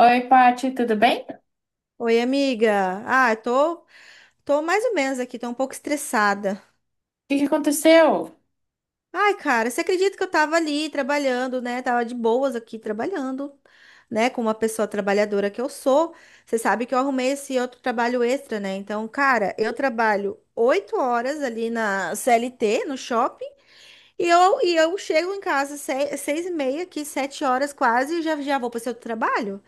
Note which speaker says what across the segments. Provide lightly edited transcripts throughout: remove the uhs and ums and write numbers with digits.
Speaker 1: Oi, Paty, tudo bem? O
Speaker 2: Oi, amiga. Ah, eu tô mais ou menos aqui, tô um pouco estressada.
Speaker 1: que que aconteceu?
Speaker 2: Ai, cara, você acredita que eu tava ali trabalhando, né? Tava de boas aqui trabalhando, né? Com uma pessoa trabalhadora que eu sou. Você sabe que eu arrumei esse outro trabalho extra, né? Então, cara, eu trabalho 8 horas ali na CLT, no shopping, e eu chego em casa 6h30, aqui, 7 horas quase, e já, já vou para o outro trabalho.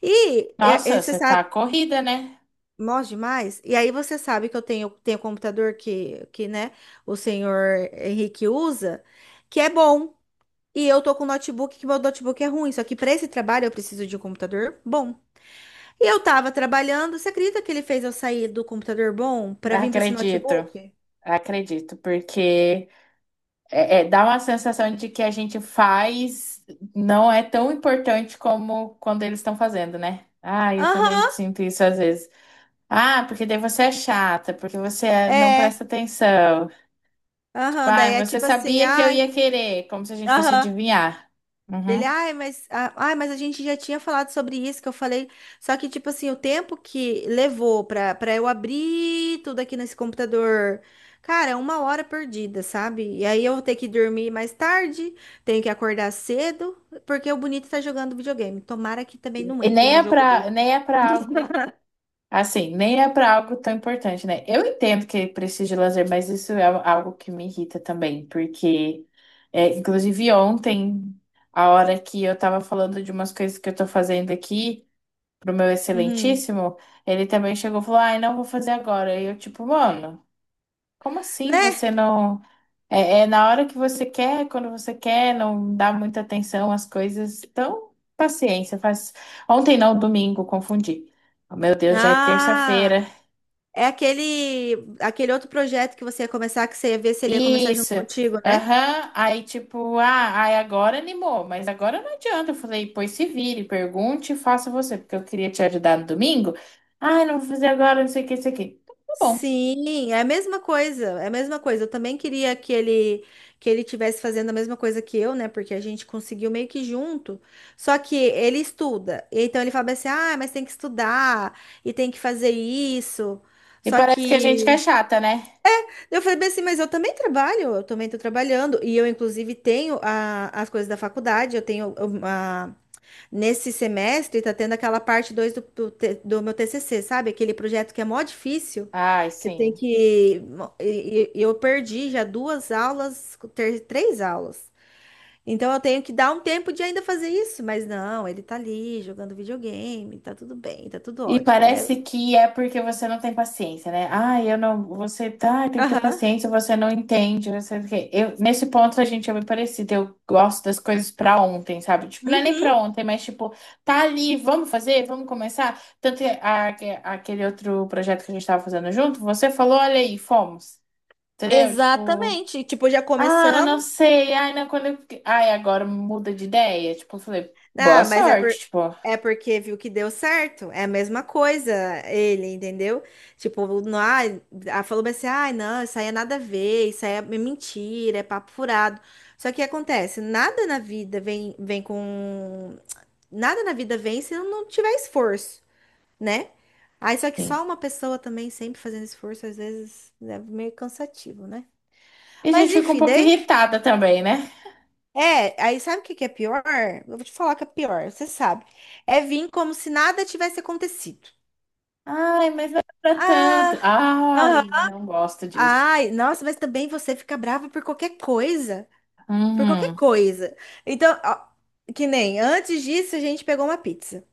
Speaker 2: E
Speaker 1: Nossa,
Speaker 2: você
Speaker 1: você tá corrida, né?
Speaker 2: Mós demais. E aí você sabe que eu tenho computador que, né, o senhor Henrique usa, que é bom. E eu tô com notebook, que meu notebook é ruim. Só que para esse trabalho eu preciso de um computador bom. E eu tava trabalhando, você acredita que ele fez eu sair do computador bom para vir para esse
Speaker 1: Acredito,
Speaker 2: notebook?
Speaker 1: acredito, porque dá uma sensação de que a gente faz não é tão importante como quando eles estão fazendo, né? Ah, eu também
Speaker 2: Aham,
Speaker 1: sinto isso às vezes. Ah, porque daí você é chata, porque você é- não
Speaker 2: é.
Speaker 1: presta atenção. Tipo,
Speaker 2: Aham, daí
Speaker 1: ah,
Speaker 2: é
Speaker 1: você
Speaker 2: tipo assim,
Speaker 1: sabia que eu
Speaker 2: ai.
Speaker 1: ia querer, como se a gente fosse
Speaker 2: Aham.
Speaker 1: adivinhar.
Speaker 2: Dele,
Speaker 1: Uhum.
Speaker 2: ai, mas, ah, ai, mas a gente já tinha falado sobre isso que eu falei. Só que, tipo assim, o tempo que levou pra eu abrir tudo aqui nesse computador, cara, é uma hora perdida, sabe? E aí eu vou ter que dormir mais tarde, tenho que acordar cedo, porque o bonito tá jogando videogame. Tomara que também não
Speaker 1: E
Speaker 2: entre no jogo dele.
Speaker 1: nem é pra algo. Assim, nem é para algo tão importante, né? Eu entendo que precisa de lazer, mas isso é algo que me irrita também, porque, é, inclusive, ontem, a hora que eu tava falando de umas coisas que eu tô fazendo aqui pro meu
Speaker 2: Uhum.
Speaker 1: excelentíssimo, ele também chegou e falou: ai, não vou fazer agora. E eu, tipo, mano, como assim
Speaker 2: Né?
Speaker 1: você não. É na hora que você quer, quando você quer, não dá muita atenção às coisas. Então, paciência, faz. Ontem não, domingo, confundi. Meu Deus, já é
Speaker 2: Ah,
Speaker 1: terça-feira.
Speaker 2: é aquele outro projeto que você ia começar, que você ia ver se ele ia começar junto
Speaker 1: Isso.
Speaker 2: contigo, né?
Speaker 1: Aham. Aí, tipo, ah, aí agora animou, mas agora não adianta. Eu falei, pois se vire, pergunte e faça você, porque eu queria te ajudar no domingo. Ah, não vou fazer agora, não sei o que, isso aqui. Tá bom.
Speaker 2: Sim, é a mesma coisa, é a mesma coisa. Eu também queria que ele tivesse fazendo a mesma coisa que eu, né? Porque a gente conseguiu meio que junto. Só que ele estuda, e então ele fala assim: "Ah, mas tem que estudar e tem que fazer isso".
Speaker 1: E
Speaker 2: Só
Speaker 1: parece que a gente que é
Speaker 2: que
Speaker 1: chata, né?
Speaker 2: eu falei bem assim, mas eu também trabalho, eu também estou trabalhando e eu inclusive tenho as coisas da faculdade, eu tenho. Nesse semestre, tá tendo aquela parte 2 do, do meu TCC, sabe? Aquele projeto que é mó difícil,
Speaker 1: Ai,
Speaker 2: que tem
Speaker 1: sim.
Speaker 2: que. Eu perdi já duas aulas, três aulas. Então eu tenho que dar um tempo de ainda fazer isso, mas não, ele tá ali jogando videogame, tá tudo bem, tá tudo
Speaker 1: E
Speaker 2: ótimo, né?
Speaker 1: parece que é porque você não tem paciência, né? Ah, eu não. Você tá, tem que ter
Speaker 2: Aham.
Speaker 1: paciência, você não entende, você. Não sei o quê. Eu, nesse ponto a gente é bem parecido. Eu gosto das coisas pra ontem, sabe? Tipo, não é nem
Speaker 2: Uhum.
Speaker 1: pra ontem, mas tipo, tá ali, vamos fazer, vamos começar. Tanto que a- aquele outro projeto que a gente tava fazendo junto, você falou, olha aí, fomos. Entendeu? Tipo,
Speaker 2: Exatamente. Tipo, já
Speaker 1: ah, não
Speaker 2: começamos.
Speaker 1: sei, ai, não, quando eu. Ai, agora muda de ideia. Tipo, eu falei, boa
Speaker 2: Ah, mas
Speaker 1: sorte, tipo,
Speaker 2: é porque viu que deu certo. É a mesma coisa, ele, entendeu? Tipo, não, ai, ah, falou bem assim, ai, não, isso aí é nada a ver, isso aí é mentira, é papo furado. Só que acontece, nada na vida vem, vem com. Nada na vida vem se não tiver esforço, né? Aí só que
Speaker 1: sim.
Speaker 2: só uma pessoa também sempre fazendo esforço, às vezes é meio cansativo, né?
Speaker 1: E a gente
Speaker 2: Mas
Speaker 1: fica um
Speaker 2: enfim,
Speaker 1: pouco
Speaker 2: daí.
Speaker 1: irritada também, né?
Speaker 2: É, aí sabe o que que é pior? Eu vou te falar que é pior, você sabe. É vir como se nada tivesse acontecido.
Speaker 1: Ai, mas não é pra tanto.
Speaker 2: Ah,
Speaker 1: Ai,
Speaker 2: aham.
Speaker 1: não gosto disso.
Speaker 2: Ai, nossa, mas também você fica brava por qualquer coisa. Por qualquer
Speaker 1: Hum.
Speaker 2: coisa. Então, ó, que nem antes disso a gente pegou uma pizza.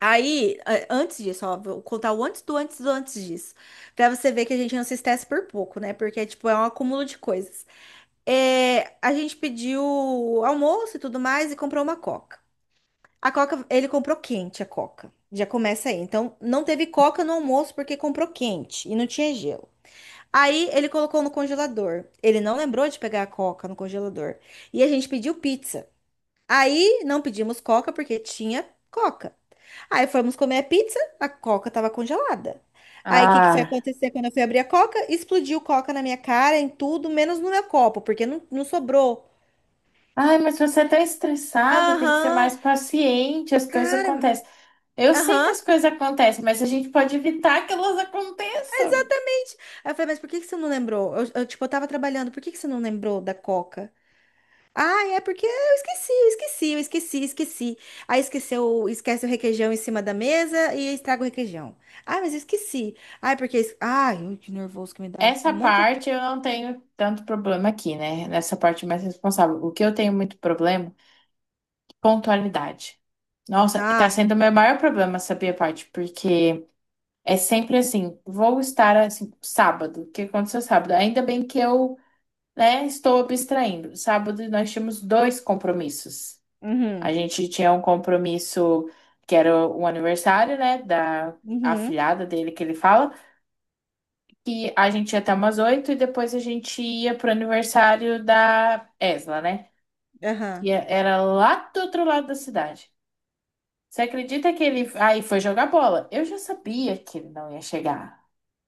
Speaker 2: Aí, antes disso, ó, vou contar o antes do antes do antes disso. Pra você ver que a gente não se estressa por pouco, né? Porque, tipo, é um acúmulo de coisas. É, a gente pediu almoço e tudo mais e comprou uma coca. A Coca, ele comprou quente a Coca. Já começa aí. Então, não teve Coca no almoço porque comprou quente e não tinha gelo. Aí ele colocou no congelador. Ele não lembrou de pegar a Coca no congelador. E a gente pediu pizza. Aí não pedimos Coca porque tinha Coca. Aí fomos comer a pizza, a Coca estava congelada. Aí o que que foi
Speaker 1: Ah.
Speaker 2: acontecer quando eu fui abrir a Coca? Explodiu Coca na minha cara, em tudo, menos no meu copo, porque não sobrou.
Speaker 1: Ai, mas você tá estressado, tem que ser
Speaker 2: Aham,
Speaker 1: mais paciente, as coisas
Speaker 2: cara,
Speaker 1: acontecem. Eu sei que
Speaker 2: aham.
Speaker 1: as coisas acontecem, mas a gente pode evitar que elas aconteçam.
Speaker 2: Exatamente. Aí eu falei, mas por que que você não lembrou? Eu, tipo, eu tava trabalhando, por que que você não lembrou da Coca? Ah, é porque eu esqueci, eu esqueci, eu esqueci, esqueci. Aí esqueceu, esquece o requeijão em cima da mesa e estraga o requeijão. Ah, mas eu esqueci. Ah, é porque ai, ui, que nervoso que me dá. Um
Speaker 1: Essa
Speaker 2: monte de.
Speaker 1: parte eu não tenho tanto problema aqui, né? Nessa parte mais responsável. O que eu tenho muito problema, é pontualidade. Nossa, tá
Speaker 2: Ah,
Speaker 1: sendo o meu maior problema, sabia, parte? Porque é sempre assim, vou estar assim, sábado. O que aconteceu sábado? Ainda bem que eu, né, estou abstraindo. Sábado nós tínhamos dois compromissos. A
Speaker 2: uhum,
Speaker 1: gente tinha um compromisso que era o aniversário, né, da
Speaker 2: uhum,
Speaker 1: afilhada dele que ele fala, que a gente ia até umas oito e depois a gente ia pro aniversário da Esla, né?
Speaker 2: aham.
Speaker 1: Que era lá do outro lado da cidade. Você acredita que ele aí foi jogar bola? Eu já sabia que ele não ia chegar.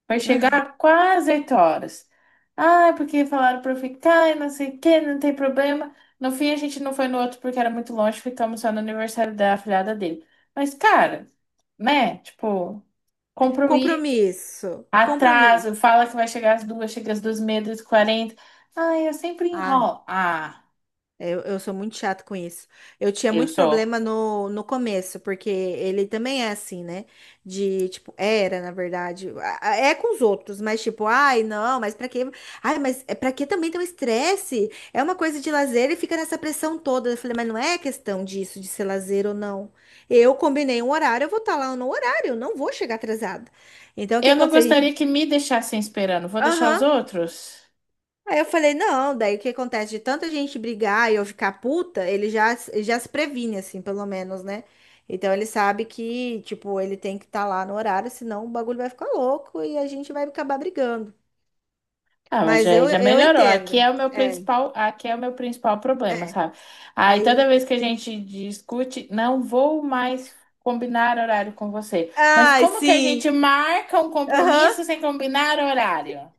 Speaker 1: Vai chegar quase oito horas. Ah, porque falaram pra eu ficar e não sei o que, não tem problema. No fim, a gente não foi no outro porque era muito longe, ficamos só no aniversário da afilhada dele. Mas, cara, né? Tipo, compromisso,
Speaker 2: Compromisso,
Speaker 1: atraso,
Speaker 2: compromisso.
Speaker 1: fala que vai chegar às duas, chega às duas e meia, duas e quarenta. Ai, eu sempre
Speaker 2: Ah,
Speaker 1: enrolo. Ah,
Speaker 2: é, eu sou muito chato com isso. Eu tinha
Speaker 1: eu
Speaker 2: muito
Speaker 1: sou.
Speaker 2: problema no começo, porque ele também é assim, né? De, tipo, era, na verdade. É com os outros, mas tipo, ai, não, mas pra quê? Ai, mas é pra que também ter um estresse? É uma coisa de lazer e fica nessa pressão toda. Eu falei, mas não é questão disso, de ser lazer ou não. Eu combinei um horário, eu vou estar lá no horário, eu não vou chegar atrasada. Então, o que
Speaker 1: Eu não
Speaker 2: aconteceu? A gente.
Speaker 1: gostaria que me deixassem esperando. Vou deixar os
Speaker 2: Aham.
Speaker 1: outros?
Speaker 2: Aí eu falei, não, daí o que acontece? De tanta gente brigar e eu ficar puta, ele já se previne, assim, pelo menos, né? Então ele sabe que, tipo, ele tem que estar lá no horário, senão o bagulho vai ficar louco e a gente vai acabar brigando.
Speaker 1: Ah, mas
Speaker 2: Mas
Speaker 1: já,
Speaker 2: eu,
Speaker 1: já
Speaker 2: eu
Speaker 1: melhorou.
Speaker 2: entendo. É,
Speaker 1: Aqui é o meu principal problema,
Speaker 2: é.
Speaker 1: sabe? Aí toda
Speaker 2: Aí.
Speaker 1: vez que a gente discute, não vou mais combinar horário com você. Mas
Speaker 2: Ai,
Speaker 1: como que a
Speaker 2: sim!
Speaker 1: gente marca um
Speaker 2: Aham.
Speaker 1: compromisso sem combinar horário?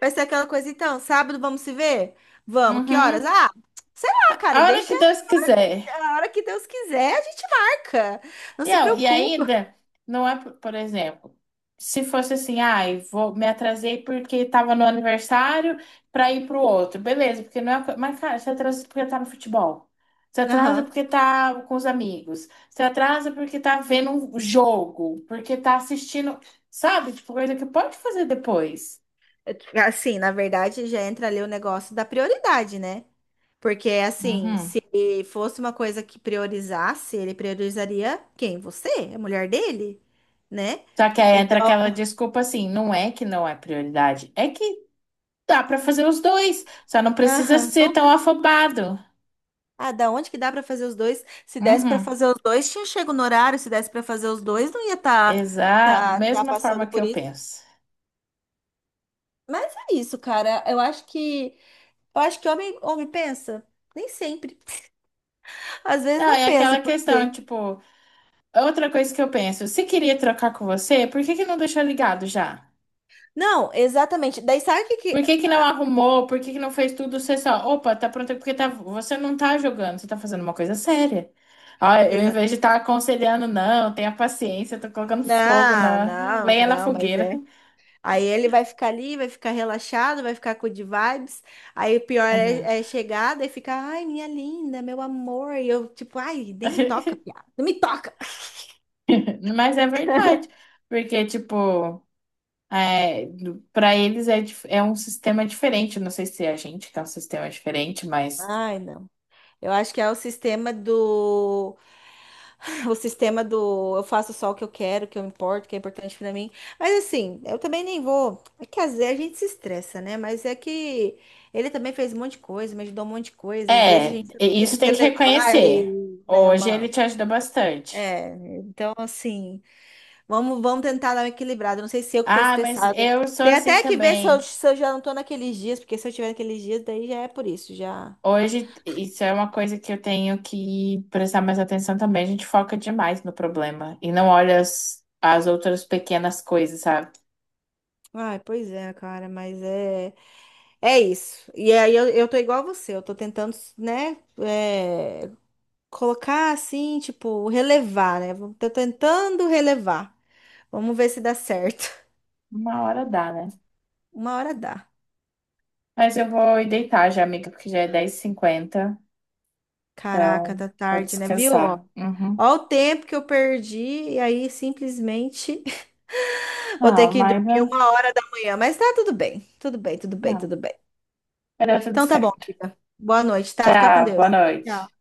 Speaker 2: Vai ser aquela coisa, então, sábado vamos se ver? Vamos, que horas?
Speaker 1: Uhum.
Speaker 2: Ah, sei lá,
Speaker 1: A
Speaker 2: cara,
Speaker 1: hora
Speaker 2: deixa
Speaker 1: que Deus quiser.
Speaker 2: a hora que Deus quiser, a gente marca. Não
Speaker 1: E
Speaker 2: se
Speaker 1: eu e
Speaker 2: preocupa.
Speaker 1: ainda, não é, por exemplo, se fosse assim, ai, vou, me atrasei porque tava no aniversário pra ir pro outro. Beleza, porque não é. Mas, cara, você atrasa porque tá no futebol. Você atrasa
Speaker 2: Aham.
Speaker 1: porque tá com os amigos. Você atrasa porque tá vendo um jogo. Porque tá assistindo. Sabe? Tipo, coisa que pode fazer depois.
Speaker 2: Assim, na verdade, já entra ali o negócio da prioridade, né? Porque, assim,
Speaker 1: Uhum.
Speaker 2: se fosse uma coisa que priorizasse, ele priorizaria quem? Você? A mulher dele, né?
Speaker 1: Só que aí entra
Speaker 2: Então,
Speaker 1: aquela desculpa assim, não é que não é prioridade, é que dá pra fazer os dois, só não precisa
Speaker 2: aham,
Speaker 1: ser
Speaker 2: não.
Speaker 1: tão afobado.
Speaker 2: Ah, da onde que dá pra fazer os dois? Se desse pra
Speaker 1: Uhum.
Speaker 2: fazer os dois, tinha chego no horário. Se desse pra fazer os dois, não ia tá, tá, tá
Speaker 1: Mesma forma
Speaker 2: passando
Speaker 1: que
Speaker 2: por
Speaker 1: eu
Speaker 2: isso.
Speaker 1: penso.
Speaker 2: Mas é isso, cara. Eu acho que homem, homem pensa. Nem sempre. Às
Speaker 1: Não,
Speaker 2: vezes não
Speaker 1: é
Speaker 2: pensa,
Speaker 1: aquela questão,
Speaker 2: porque.
Speaker 1: tipo, outra coisa que eu penso, se queria trocar com você, por que que não deixou ligado já?
Speaker 2: Não, exatamente. Daí sabe o que que.
Speaker 1: Por que que não
Speaker 2: Ah,
Speaker 1: arrumou? Por que que não fez tudo? Você só, opa, tá pronto, é porque tá, você não tá jogando, você tá fazendo uma coisa séria. Ó, eu, em
Speaker 2: exa-
Speaker 1: vez de estar aconselhando, não, tenha paciência, tô colocando fogo
Speaker 2: não,
Speaker 1: na
Speaker 2: não,
Speaker 1: lenha na
Speaker 2: não, mas
Speaker 1: fogueira.
Speaker 2: é. Aí ele vai ficar ali, vai ficar relaxado, vai ficar com de vibes. Aí o pior
Speaker 1: Exato.
Speaker 2: é chegar, daí fica, ai, minha linda, meu amor. E eu, tipo, ai, nem me toca, piada, não me toca.
Speaker 1: Mas é verdade, porque, tipo. É, para eles é um sistema diferente. Não sei se é a gente que é um sistema diferente, mas
Speaker 2: Ai, não. Eu acho que é o sistema do. O sistema do eu faço só o que eu quero, o que eu importo, o que é importante pra mim. Mas assim, eu também nem vou. É que às vezes a gente se estressa, né? Mas é que ele também fez um monte de coisa, me ajudou um monte de coisa. Às vezes a
Speaker 1: é,
Speaker 2: gente também tem
Speaker 1: isso
Speaker 2: que
Speaker 1: tem que
Speaker 2: relevar ali,
Speaker 1: reconhecer.
Speaker 2: né?
Speaker 1: Hoje ele
Speaker 2: Uma.
Speaker 1: te ajuda bastante.
Speaker 2: É, então assim, vamos tentar dar uma equilibrada. Não sei se eu que tô
Speaker 1: Ah, mas
Speaker 2: estressada.
Speaker 1: eu sou
Speaker 2: Tem
Speaker 1: assim
Speaker 2: até que ver se eu,
Speaker 1: também.
Speaker 2: se eu já não tô naqueles dias, porque se eu tiver naqueles dias, daí já é por isso, já.
Speaker 1: Hoje, isso é uma coisa que eu tenho que prestar mais atenção também. A gente foca demais no problema e não olha as outras pequenas coisas, sabe?
Speaker 2: Ai, pois é, cara, mas é. É isso. E aí eu tô igual a você, eu tô tentando, né, é, colocar assim, tipo, relevar, né? Tô tentando relevar. Vamos ver se dá certo.
Speaker 1: Uma hora dá, né?
Speaker 2: Uma hora dá.
Speaker 1: Mas eu vou ir deitar já, amiga, porque já é dez h 50.
Speaker 2: Caraca,
Speaker 1: Então,
Speaker 2: tá
Speaker 1: vou
Speaker 2: tarde, né? Viu?
Speaker 1: descansar.
Speaker 2: Ó,
Speaker 1: Uhum.
Speaker 2: ó o tempo que eu perdi e aí simplesmente vou ter
Speaker 1: Não,
Speaker 2: que
Speaker 1: mas
Speaker 2: dormir
Speaker 1: ah,
Speaker 2: 1 hora da manhã. Mas tá tudo bem, tudo bem, tudo bem,
Speaker 1: não.
Speaker 2: tudo bem.
Speaker 1: Vai dar tudo
Speaker 2: Então tá bom,
Speaker 1: certo.
Speaker 2: fica. Boa noite, tá? Fica com
Speaker 1: Tchau, boa
Speaker 2: Deus.
Speaker 1: noite.
Speaker 2: Tchau.